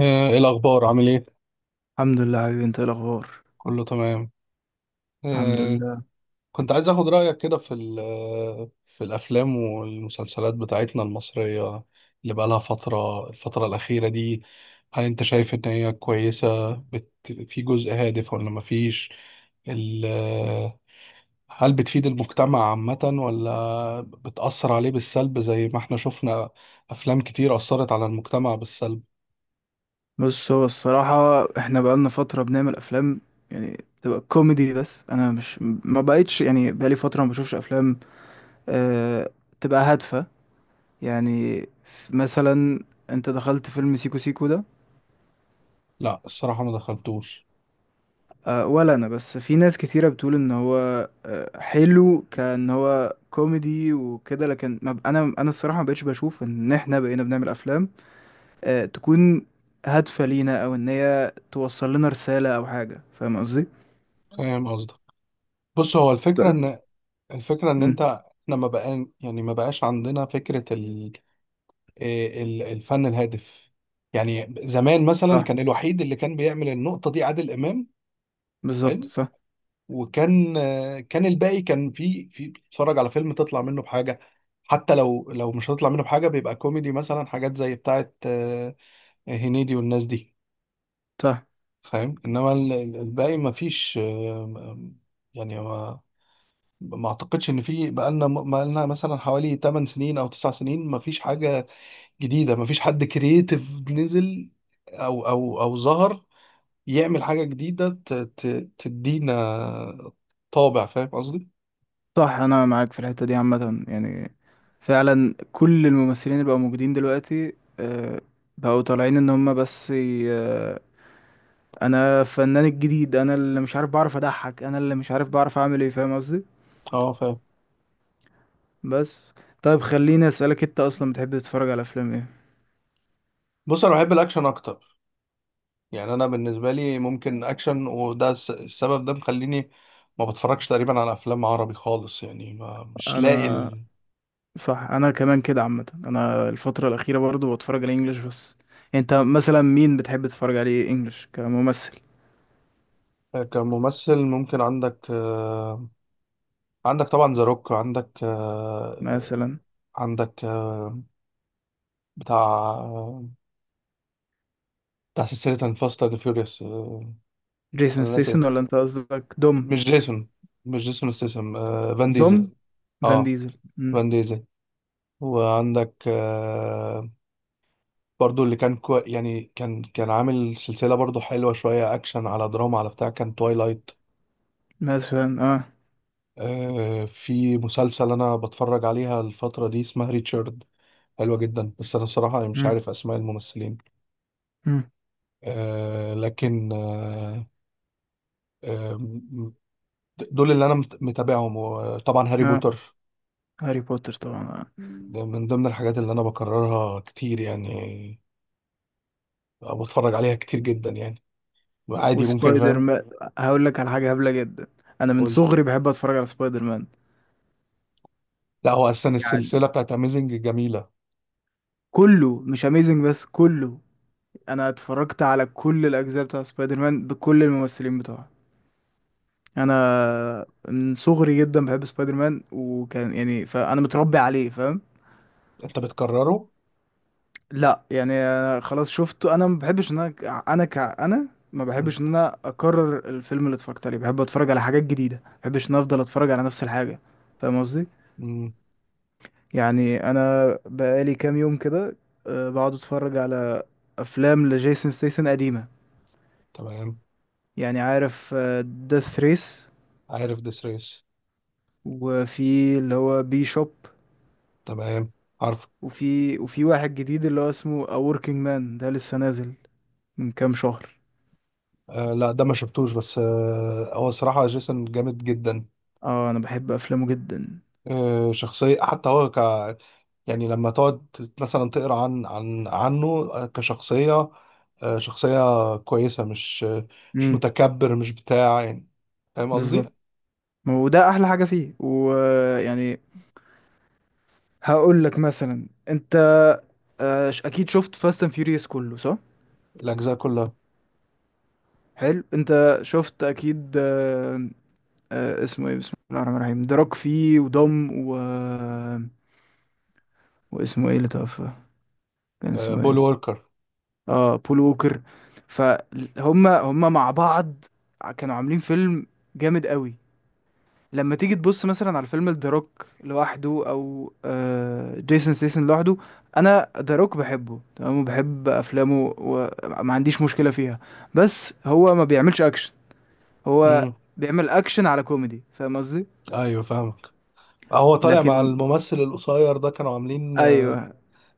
إيه الأخبار عامل إيه؟ الحمد لله حبيبي، انت ايه الاخبار. كله تمام. الحمد آه، لله. كنت عايز أخد رأيك كده في ال- آه، في الأفلام والمسلسلات بتاعتنا المصرية اللي بقالها الفترة الأخيرة دي. هل أنت شايف إن هي كويسة؟ في جزء هادف ولا مفيش؟ ال... آه، هل بتفيد المجتمع عامة ولا بتأثر عليه بالسلب زي ما احنا شفنا أفلام كتير أثرت على المجتمع بالسلب؟ بص، هو الصراحه احنا بقالنا فتره بنعمل افلام يعني تبقى كوميدي، بس انا مش ما بقيتش يعني بقالي فتره ما بشوفش افلام أه تبقى هادفه. يعني مثلا انت دخلت فيلم سيكو سيكو ده. لا الصراحة ما دخلتوش. ولا انا، بس في ناس كتيره بتقول ان هو حلو، كان هو كوميدي وكده، لكن ما ب- انا الصراحه ما بقتش بشوف ان احنا بقينا بنعمل افلام تكون هادفة لينا، او ان هي توصل لنا رسالة او حاجة، فاهم قصدي؟ فاهم قصدك. بص هو الفكرة بس إن الفكرة إن امم أنت إحنا ما بقى يعني ما بقاش عندنا فكرة إيه الفن الهادف. يعني زمان مثلا صح، كان الوحيد اللي كان بيعمل النقطة دي عادل إمام. بالظبط، حلو. صح، وكان كان الباقي، كان في بتتفرج على فيلم تطلع منه بحاجة، حتى لو مش هتطلع منه بحاجة بيبقى كوميدي مثلا، حاجات زي بتاعة هنيدي والناس دي، صح، فاهم. إنما الباقي ما فيش يعني ما اعتقدش ان في بقالنا مثلا حوالي 8 سنين او 9 سنين، ما فيش حاجه جديده، ما فيش حد كرييتيف نزل او ظهر يعمل حاجه جديده تدينا طابع، فاهم قصدي. صح. انا معاك في الحتة دي عامة، يعني فعلا كل الممثلين اللي بقوا موجودين دلوقتي آه، بقوا طالعين ان هم بس انا الفنان الجديد، انا اللي مش عارف بعرف اضحك، انا اللي مش عارف بعرف اعمل ايه، فاهم قصدي؟ اه فاهم. بس طيب خليني اسالك، انت اصلا بتحب تتفرج على افلام ايه؟ بص انا بحب الاكشن اكتر. يعني انا بالنسبه لي ممكن اكشن، وده السبب ده مخليني ما بتفرجش تقريبا على افلام عربي خالص، يعني ما مش لاقي انا صح، انا كمان كده عامه، انا الفتره الاخيره برضو بتفرج على انجلش بس. انت مثلا مين بتحب تتفرج عليه انجلش كممثل؟ كممثل ممكن عندك عندك طبعا ذا روك، عندك آه، مثلا عندك آه، بتاع آه، بتاع سلسلة فاست أند فيوريوس. أنا جيسون آسف، ستيسن ولا انت قصدك دوم؟ مش جيسون مش جيسون ستاثام، فان دوم ديزل. فان اه، ديزل. مم. فان ديزل. وعندك برضو اللي كان كو... يعني كان كان عامل سلسلة برضو حلوة، شوية أكشن على دراما على بتاع، كان توايلايت. مثلا اه. في مسلسل أنا بتفرج عليها الفترة دي اسمها ريتشارد، حلوة جدا، بس أنا الصراحة مش مم. عارف أسماء الممثلين. مم. آه، لكن آه، دول اللي انا متابعهم، وطبعا هاري اه، بوتر هاري بوتر طبعا. آه. مم. ده من ضمن الحاجات اللي انا بكررها كتير يعني، أو بتفرج عليها كتير جدا يعني، عادي ممكن وسبايدر فاهم. مان. هقول لك على حاجه هبله جدا، انا من قول. صغري بحب اتفرج على سبايدر مان. لا هو اصلا يعني السلسله بتاعت اميزنج جميله. كله مش اميزنج بس، كله. انا اتفرجت على كل الاجزاء بتاع سبايدر مان بكل الممثلين بتوعه. انا من صغري جدا بحب سبايدر مان، وكان يعني فانا متربي عليه، فاهم؟ انت بتكرره؟ لا يعني أنا خلاص شفته، انا ما بحبش ان انا ما بحبش ان انا اكرر الفيلم اللي اتفرجت عليه، بحب اتفرج على حاجات جديده، ما بحبش ان أنا افضل اتفرج على نفس الحاجه. فاهم قصدي؟ امم. يعني انا بقالي كام يوم كده بقعد اتفرج على افلام لجيسون ستيسن قديمة. تمام. يعني عارف ديث ريس، عارف ديس ريس. وفي اللي هو بي شوب، تمام. عارف. وفي واحد جديد اللي هو اسمه A Working Man، ده لسه نازل من كام شهر. آه، لا ده ما شفتوش، بس آه هو صراحه جيسون جامد جدا. اه، انا بحب افلامه جدا. شخصية، حتى هو ك يعني لما تقعد مثلا تقرا عن عنه كشخصية، شخصية كويسة، مش امم، متكبر، مش بتاع يعني، فاهم بالظبط. قصدي؟ ما هو ده احلى حاجه فيه. ويعني هقول لك مثلا، انت اكيد شفت فاست اند فيوريوس كله، صح؟ الأجزاء كلها. حلو، انت شفت اكيد اسمه ايه، بسم الله الرحمن الرحيم، دراك فيه ودم و... واسمه ايه اللي توفى، كان اسمه بول ايه؟ ووركر. اه، بول ووكر. فهم هم مع بعض كانوا عاملين فيلم جامد قوي. لما تيجي تبص مثلا على فيلم ذا روك لوحده، او آه جيسون ستاثام لوحده، انا ذا روك بحبه تمام وبحب افلامه وما عنديش مشكلة فيها، بس هو ما بيعملش اكشن، هو امم. بيعمل اكشن على كوميدي، فاهم قصدي؟ أيوه فاهمك. هو طالع مع لكن الممثل القصير ده، كانوا عاملين ايوه،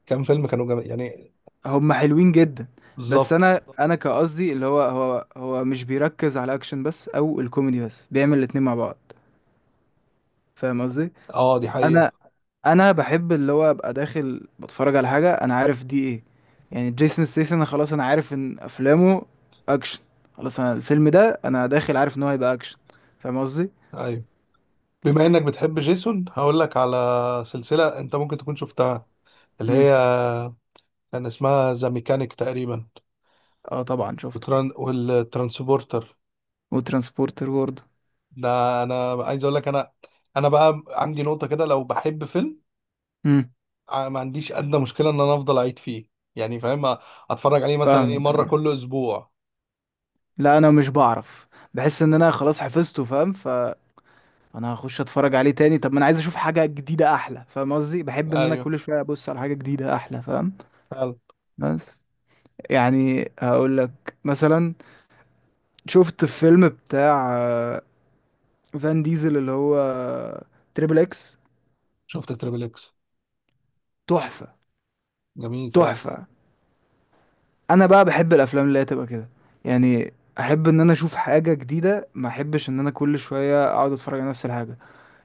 كام فيلم، كانوا يعني هم حلوين جدا. بس بالظبط. انا كقصدي اللي هو هو مش بيركز على الاكشن بس او الكوميدي بس، بيعمل الاتنين مع بعض، فاهم قصدي؟ اه دي انا حقيقة. انا بحب اللي هو ابقى داخل بتفرج على حاجه انا عارف دي ايه. يعني جيسون ستاثام انا خلاص انا عارف ان افلامه اكشن، خلاص انا الفيلم ده انا داخل عارف ان هو هيبقى اكشن، فاهم قصدي؟ أيوه. بما إنك بتحب جيسون هقول لك على سلسلة أنت ممكن تكون شفتها، اللي امم، هي كان اسمها ذا ميكانيك تقريبا، اه طبعا شفته. وتران والترانسبورتر. وترانسبورتر برضه. ده انا عايز اقول لك، انا بقى عندي نقطة كده، لو بحب فيلم امم، ما عنديش ادنى مشكلة ان انا افضل اعيد فيه يعني، فاهم، اتفرج عليه مثلا ايه فاهمك. مرة آه. كل اسبوع. لا انا مش بعرف، بحس ان انا خلاص حفظته، فاهم؟ ف انا هخش اتفرج عليه تاني؟ طب ما انا عايز اشوف حاجه جديده احلى، فاهم قصدي؟ بحب ان انا ايوه كل شويه ابص على حاجه جديده احلى، فاهم؟ فعلا. بس يعني هقول لك مثلا، شفت الفيلم بتاع فان ديزل اللي هو تريبل اكس؟ شفت تريبل اكس. تحفه. جميل فعلا. تحفه. انا بقى بحب الافلام اللي هي تبقى كده، يعني احب ان انا اشوف حاجه جديده، ما احبش ان انا كل شويه اقعد اتفرج على نفس الحاجه.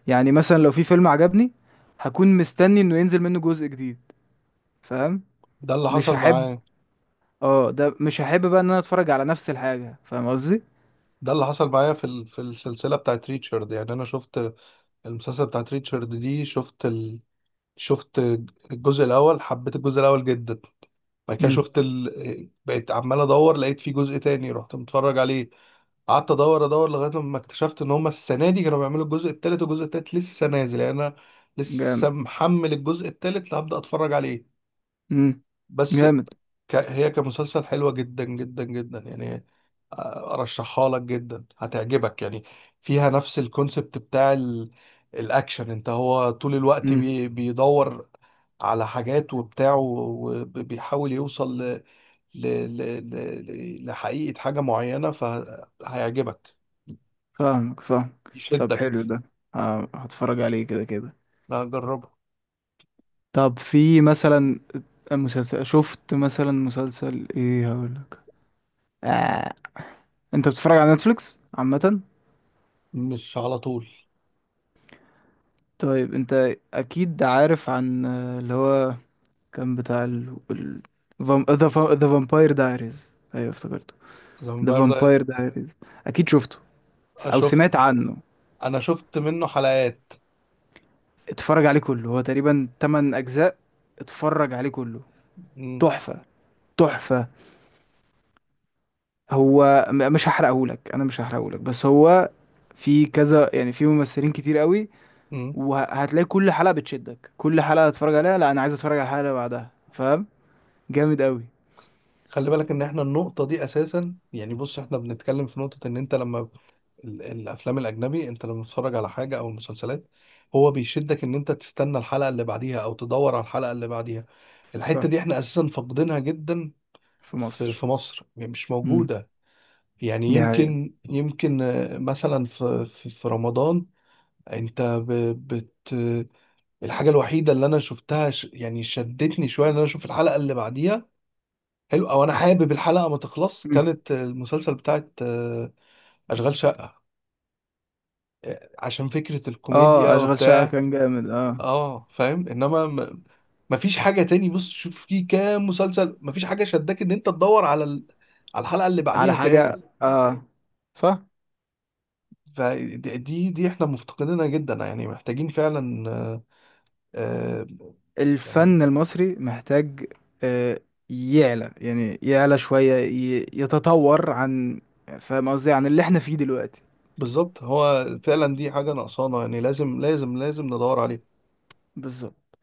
يعني مثلا لو في فيلم عجبني، هكون مستني انه ينزل منه جزء جديد، فاهم؟ ده اللي مش حصل هحب، معايا. اه ده مش هحب بقى ان انا اتفرج على نفس الحاجة، فاهم قصدي؟ ده اللي حصل معايا في في السلسلة بتاعت ريتشارد، يعني انا شفت المسلسل بتاعت ريتشارد دي، شفت شفت الجزء الاول، حبيت الجزء الاول جدا. بعد كده امم، بقيت عمال ادور، لقيت في جزء تاني رحت متفرج عليه. قعدت ادور لغايه لما اكتشفت ان هما السنه دي كانوا بيعملوا الجزء التالت، والجزء التالت لسه نازل، يعني انا جامد. لسه محمل الجزء التالت اللي هبدا اتفرج عليه. امم، بس جامد. هي كمسلسل حلوه جدا جدا جدا يعني، ارشحها لك جدا هتعجبك يعني. فيها نفس الكونسبت بتاع الاكشن، انت هو طول الوقت امم، بيدور على حاجات وبتاع، وبيحاول يوصل ل... لحقيقة حاجة معينة، فهيعجبك، فاهمك، فاهم. طب يشدك. حلو ده هتفرج عليه كده كده. لا جربه. طب في مثلا مسلسل، شفت مثلا مسلسل ايه هقولك، آه. انت بتتفرج على نتفليكس عامة؟ مش على طول. طيب انت اكيد عارف عن اللي هو كان بتاع ذا فامباير دايريز، ايوه افتكرته. ذا فامباير داير. فامباير دايريز، اكيد شفته، او شفت، سمعت عنه. انا شفت منه حلقات. اتفرج عليه كله، هو تقريبا 8 اجزاء، اتفرج عليه كله. م- تحفة. تحفة. هو مش هحرقهولك، انا مش هحرقهولك، بس هو في كذا، يعني في ممثلين كتير قوي، م. وهتلاقي كل حلقة بتشدك، كل حلقة هتتفرج عليها لا انا عايز اتفرج على الحلقة اللي بعدها، فاهم؟ جامد قوي. خلي بالك ان احنا النقطة دي اساسا، يعني بص احنا بنتكلم في نقطة ان انت لما الافلام الاجنبي انت لما بتتفرج على حاجة او مسلسلات، هو بيشدك ان انت تستنى الحلقة اللي بعديها او تدور على الحلقة اللي بعديها. الحتة صح، دي احنا اساسا فاقدينها جدا. في مصر. في مصر يعني مش امم، موجودة. يعني دي حقيقة. يمكن آه، مثلا في رمضان انت ب- بت الحاجه الوحيده اللي انا شفتها يعني شدتني شويه ان انا اشوف الحلقه اللي بعديها، حلو، او انا حابب الحلقه ما تخلص، مم. كانت المسلسل بتاعت اشغال شقه، عشان فكره اه، الكوميديا اشغال شقة وبتاع. كان جامد، اه. اه فاهم. مفيش حاجه تاني. بص شوف في كام مسلسل مفيش حاجه شداك ان انت تدور على على الحلقه اللي على بعديها حاجة، تاني. اه. صح، فدي دي دي احنا مفتقدينها جدا يعني، محتاجين فعلا آه، يعني الفن المصري محتاج آه، يعلى، يعني يعلى شوية يتطور عن، فاهم قصدي، عن اللي احنا فيه دلوقتي. بالظبط. هو فعلا دي حاجة ناقصانا يعني، لازم لازم لازم ندور عليها. بالظبط.